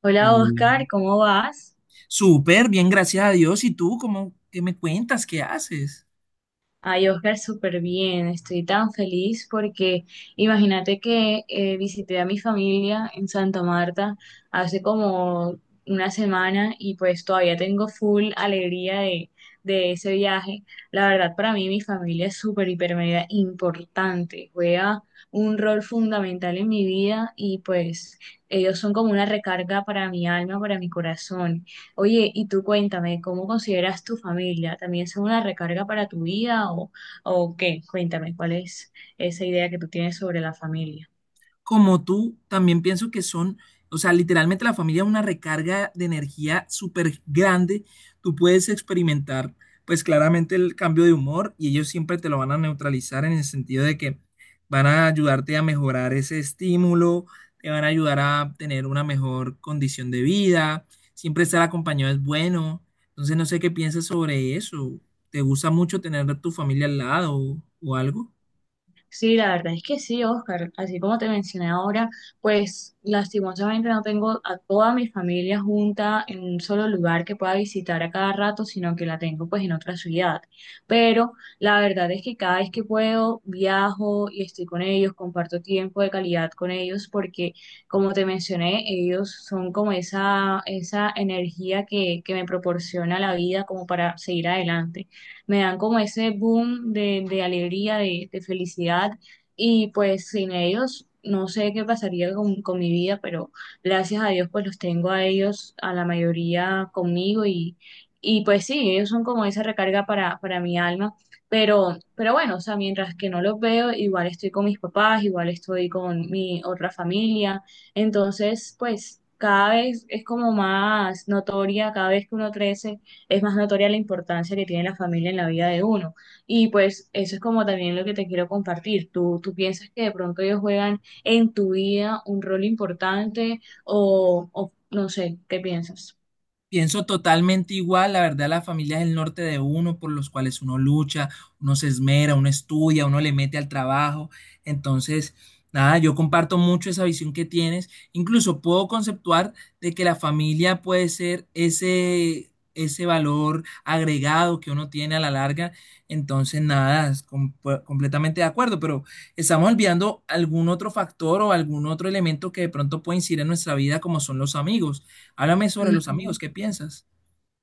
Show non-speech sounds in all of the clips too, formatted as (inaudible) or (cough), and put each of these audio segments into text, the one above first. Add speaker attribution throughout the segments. Speaker 1: Hola
Speaker 2: Hola.
Speaker 1: Oscar, ¿cómo vas?
Speaker 2: Súper, bien, gracias a Dios. ¿Y tú cómo, qué me cuentas? ¿Qué haces?
Speaker 1: Ay, Oscar, súper bien. Estoy tan feliz porque imagínate que visité a mi familia en Santa Marta hace como una semana y pues todavía tengo full alegría de ese viaje. La verdad, para mí mi familia es súper, hiper, mega importante. Juega un rol fundamental en mi vida y pues ellos son como una recarga para mi alma, para mi corazón. Oye, y tú cuéntame, ¿cómo consideras tu familia? ¿También son una recarga para tu vida o qué? Cuéntame, ¿cuál es esa idea que tú tienes sobre la familia?
Speaker 2: Como tú, también pienso que son, o sea, literalmente la familia es una recarga de energía súper grande. Tú puedes experimentar, pues claramente el cambio de humor y ellos siempre te lo van a neutralizar en el sentido de que van a ayudarte a mejorar ese estímulo, te van a ayudar a tener una mejor condición de vida. Siempre estar acompañado es bueno. Entonces, no sé qué piensas sobre eso. ¿Te gusta mucho tener a tu familia al lado o algo?
Speaker 1: Sí, la verdad es que sí, Oscar. Así como te mencioné ahora, pues lastimosamente no tengo a toda mi familia junta en un solo lugar que pueda visitar a cada rato, sino que la tengo pues en otra ciudad. Pero la verdad es que cada vez que puedo viajo y estoy con ellos, comparto tiempo de calidad con ellos, porque como te mencioné, ellos son como esa energía que me proporciona la vida como para seguir adelante. Me dan como ese boom de alegría, de felicidad y pues sin ellos no sé qué pasaría con mi vida, pero gracias a Dios pues los tengo a ellos, a la mayoría conmigo y pues sí, ellos son como esa recarga para mi alma. Pero bueno, o sea, mientras que no los veo, igual estoy con mis papás, igual estoy con mi otra familia. Entonces, pues cada vez es como más notoria, cada vez que uno crece, es más notoria la importancia que tiene la familia en la vida de uno. Y pues eso es como también lo que te quiero compartir. ¿Tú piensas que de pronto ellos juegan en tu vida un rol importante o no sé, qué piensas?
Speaker 2: Pienso totalmente igual, la verdad, la familia es el norte de uno, por los cuales uno lucha, uno se esmera, uno estudia, uno le mete al trabajo. Entonces, nada, yo comparto mucho esa visión que tienes. Incluso puedo conceptuar de que la familia puede ser ese valor agregado que uno tiene a la larga. Entonces, nada, es completamente de acuerdo, pero estamos olvidando algún otro factor o algún otro elemento que de pronto puede incidir en nuestra vida, como son los amigos. Háblame sobre los
Speaker 1: Ujú.
Speaker 2: amigos, ¿qué piensas?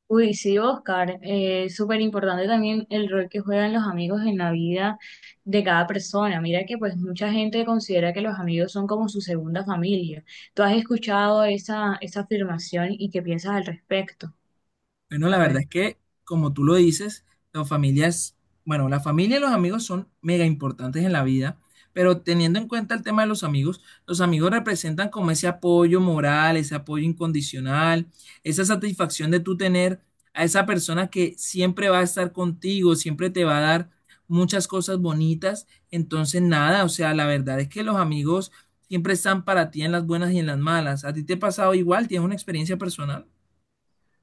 Speaker 1: Uy, sí, Oscar, es súper importante también el rol que juegan los amigos en la vida de cada persona. Mira que pues mucha gente considera que los amigos son como su segunda familia. ¿Tú has escuchado esa afirmación y qué piensas al respecto?
Speaker 2: Bueno, la
Speaker 1: A ver.
Speaker 2: verdad es que, como tú lo dices, las familias, bueno, la familia y los amigos son mega importantes en la vida, pero teniendo en cuenta el tema de los amigos representan como ese apoyo moral, ese apoyo incondicional, esa satisfacción de tú tener a esa persona que siempre va a estar contigo, siempre te va a dar muchas cosas bonitas. Entonces, nada, o sea, la verdad es que los amigos siempre están para ti en las buenas y en las malas. ¿A ti te ha pasado igual? ¿Tienes una experiencia personal?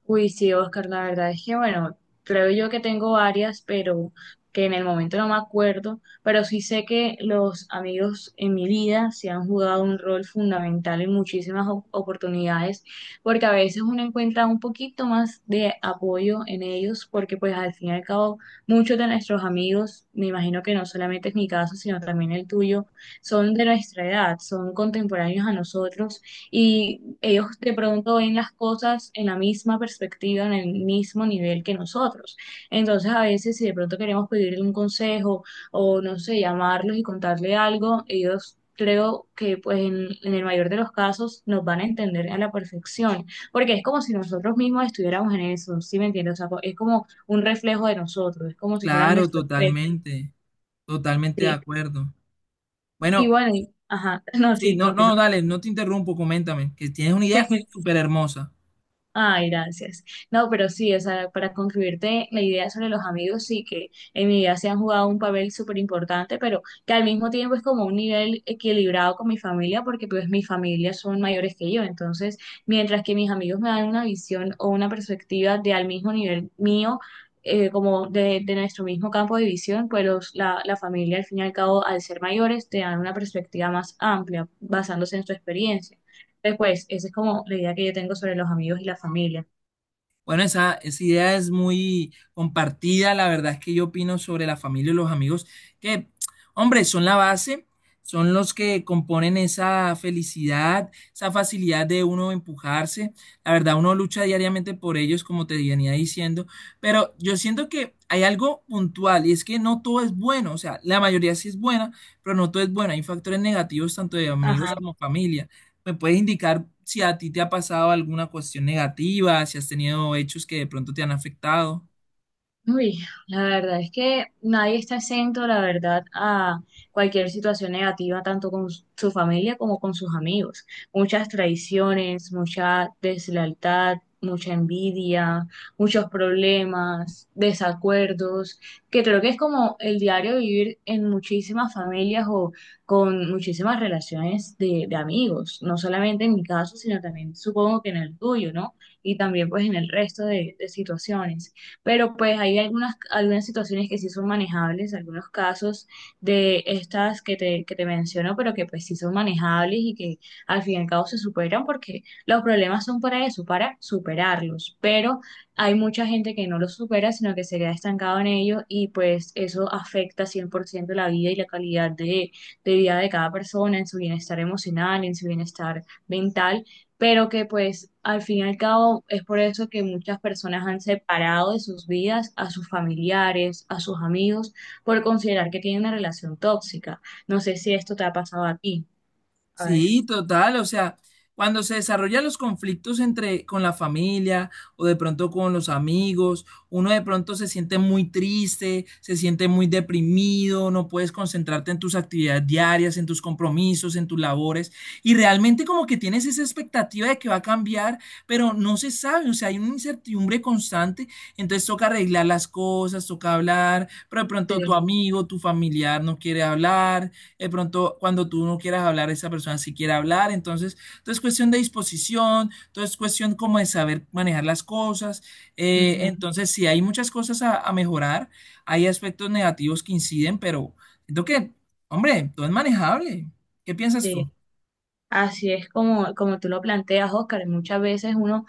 Speaker 1: Uy, sí, Oscar, la verdad es que, bueno, creo yo que tengo varias, pero que en el momento no me acuerdo, pero sí sé que los amigos en mi vida se han jugado un rol fundamental en muchísimas oportunidades, porque a veces uno encuentra un poquito más de apoyo en ellos, porque pues al fin y al cabo muchos de nuestros amigos, me imagino que no solamente es mi caso, sino también el tuyo, son de nuestra edad, son contemporáneos a nosotros y ellos de pronto ven las cosas en la misma perspectiva, en el mismo nivel que nosotros. Entonces, a veces si de pronto queremos pedirle un consejo o, no sé, llamarlos y contarle algo, ellos... Creo que pues en el mayor de los casos nos van a entender a la perfección, porque es como si nosotros mismos estuviéramos en eso, ¿sí me entiendes? O sea, es como un reflejo de nosotros, es como si fuera
Speaker 2: Claro,
Speaker 1: nuestro espejo,
Speaker 2: totalmente, totalmente de
Speaker 1: ¿sí?
Speaker 2: acuerdo.
Speaker 1: Y
Speaker 2: Bueno,
Speaker 1: bueno, ajá, (laughs) no,
Speaker 2: sí,
Speaker 1: sí,
Speaker 2: no,
Speaker 1: continúa.
Speaker 2: no, dale, no te interrumpo, coméntame, que tienes una idea
Speaker 1: (laughs)
Speaker 2: súper hermosa.
Speaker 1: Ay, gracias. No, pero sí, o sea, para concluirte la idea sobre los amigos, sí que en mi vida se han jugado un papel súper importante, pero que al mismo tiempo es como un nivel equilibrado con mi familia, porque pues mi familia son mayores que yo. Entonces, mientras que mis amigos me dan una visión o una perspectiva de al mismo nivel mío, como de nuestro mismo campo de visión, pues la familia al fin y al cabo, al ser mayores, te dan una perspectiva más amplia, basándose en su experiencia. Después, esa es como la idea que yo tengo sobre los amigos y la familia.
Speaker 2: Bueno, esa idea es muy compartida. La verdad es que yo opino sobre la familia y los amigos, que, hombre, son la base, son los que componen esa felicidad, esa facilidad de uno empujarse. La verdad, uno lucha diariamente por ellos, como te venía diciendo. Pero yo siento que hay algo puntual y es que no todo es bueno. O sea, la mayoría sí es buena, pero no todo es bueno. Hay factores negativos tanto de amigos
Speaker 1: Ajá.
Speaker 2: como familia. ¿Me puedes indicar si a ti te ha pasado alguna cuestión negativa, si has tenido hechos que de pronto te han afectado?
Speaker 1: Uy, la verdad es que nadie está exento, la verdad, a cualquier situación negativa, tanto con su familia como con sus amigos. Muchas traiciones, mucha deslealtad, mucha envidia, muchos problemas, desacuerdos, que creo que es como el diario vivir en muchísimas familias o con muchísimas relaciones de amigos, no solamente en mi caso, sino también supongo que en el tuyo, ¿no? Y también pues en el resto de situaciones, pero pues hay algunas situaciones que sí son manejables, algunos casos de estas que te menciono, pero que pues sí son manejables y que al fin y al cabo se superan porque los problemas son para eso, para superarlos, pero hay mucha gente que no los supera, sino que se queda estancado en ello y pues eso afecta 100% la vida y la calidad de vida de cada persona, en su bienestar emocional, en su bienestar mental, pero que pues al fin y al cabo es por eso que muchas personas han separado de sus vidas a sus familiares, a sus amigos, por considerar que tienen una relación tóxica. No sé si esto te ha pasado a ti. A ver,
Speaker 2: Sí, total, o sea, cuando se desarrollan los conflictos entre con la familia o de pronto con los amigos, uno de pronto se siente muy triste, se siente muy deprimido, no puedes concentrarte en tus actividades diarias, en tus compromisos, en tus labores y realmente como que tienes esa expectativa de que va a cambiar, pero no se sabe, o sea, hay una incertidumbre constante, entonces toca arreglar las cosas, toca hablar, pero de
Speaker 1: sí,
Speaker 2: pronto tu amigo, tu familiar no quiere hablar de pronto cuando tú no quieras hablar, esa persona sí quiere hablar, entonces, entonces es cuestión de disposición, entonces es cuestión como de saber manejar las cosas,
Speaker 1: ujú,
Speaker 2: entonces sí, hay muchas cosas a mejorar, hay aspectos negativos que inciden, pero siento que, hombre, todo es manejable. ¿Qué piensas
Speaker 1: sí.
Speaker 2: tú?
Speaker 1: Así es como, como tú lo planteas, Oscar. Muchas veces uno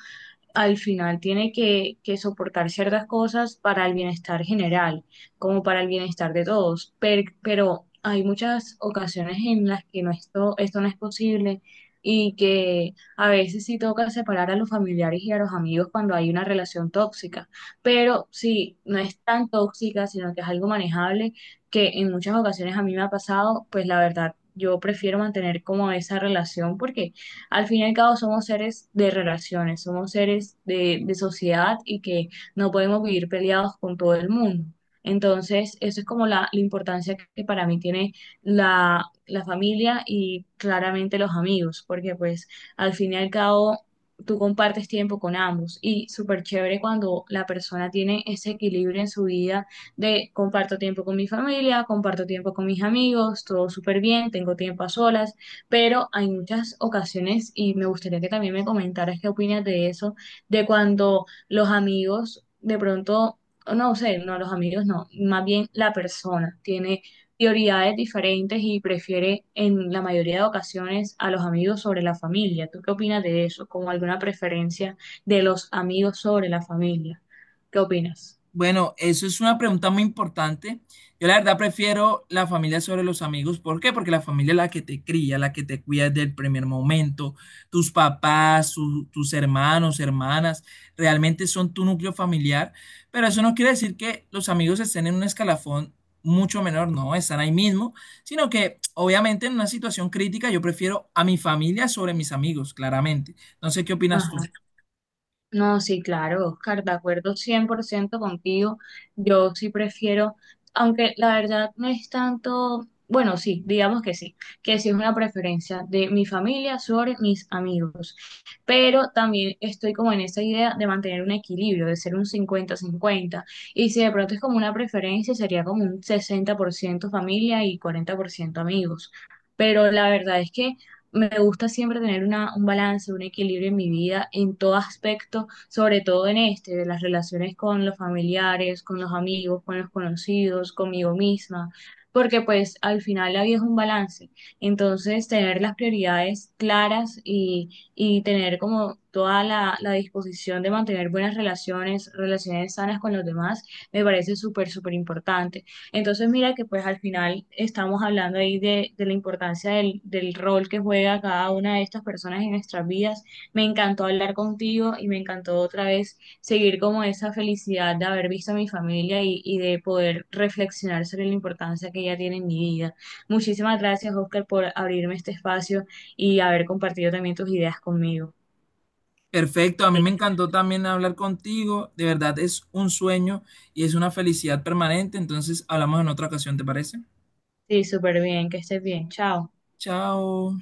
Speaker 1: al final tiene que soportar ciertas cosas para el bienestar general, como para el bienestar de todos. Pero hay muchas ocasiones en las que no esto no es posible, y que a veces sí toca separar a los familiares y a los amigos cuando hay una relación tóxica. Pero si no es tan tóxica, sino que es algo manejable, que en muchas ocasiones a mí me ha pasado, pues la verdad, yo prefiero mantener como esa relación porque al fin y al cabo somos seres de relaciones, somos seres de sociedad y que no podemos vivir peleados con todo el mundo. Entonces, eso es como la importancia que para mí tiene la familia y claramente los amigos, porque pues al fin y al cabo tú compartes tiempo con ambos y súper chévere cuando la persona tiene ese equilibrio en su vida de comparto tiempo con mi familia, comparto tiempo con mis amigos, todo súper bien, tengo tiempo a solas, pero hay muchas ocasiones y me gustaría que también me comentaras qué opinas de eso, de cuando los amigos de pronto, o no sé, no los amigos, no, más bien la persona tiene prioridades diferentes y prefiere en la mayoría de ocasiones a los amigos sobre la familia. ¿Tú qué opinas de eso? ¿Como alguna preferencia de los amigos sobre la familia? ¿Qué opinas?
Speaker 2: Bueno, eso es una pregunta muy importante. Yo la verdad prefiero la familia sobre los amigos. ¿Por qué? Porque la familia es la que te cría, la que te cuida desde el primer momento. Tus papás, tus hermanos, hermanas, realmente son tu núcleo familiar. Pero eso no quiere decir que los amigos estén en un escalafón mucho menor, no, están ahí mismo, sino que obviamente en una situación crítica yo prefiero a mi familia sobre mis amigos, claramente. No sé qué opinas tú.
Speaker 1: Ajá. No, sí, claro, Oscar, de acuerdo 100% contigo. Yo sí prefiero, aunque la verdad no es tanto, bueno, sí, digamos que sí es una preferencia de mi familia sobre mis amigos. Pero también estoy como en esa idea de mantener un equilibrio, de ser un 50-50. Y si de pronto es como una preferencia, sería como un 60% familia y 40% amigos. Pero la verdad es que me gusta siempre tener una, un balance, un equilibrio en mi vida, en todo aspecto, sobre todo en este, de las relaciones con los familiares, con los amigos, con los conocidos, conmigo misma, porque pues al final la vida es un balance. Entonces, tener las prioridades claras y tener como toda la disposición de mantener buenas relaciones, relaciones sanas con los demás, me parece súper, súper importante. Entonces, mira que pues al final estamos hablando ahí de la importancia del rol que juega cada una de estas personas en nuestras vidas. Me encantó hablar contigo y me encantó otra vez seguir como esa felicidad de haber visto a mi familia y de poder reflexionar sobre la importancia que ella tiene en mi vida. Muchísimas gracias, Oscar, por abrirme este espacio y haber compartido también tus ideas conmigo.
Speaker 2: Perfecto, a mí
Speaker 1: Sí,
Speaker 2: me encantó también hablar contigo. De verdad es un sueño y es una felicidad permanente. Entonces hablamos en otra ocasión, ¿te parece?
Speaker 1: sí, súper bien, que estés bien. Chao.
Speaker 2: Chao.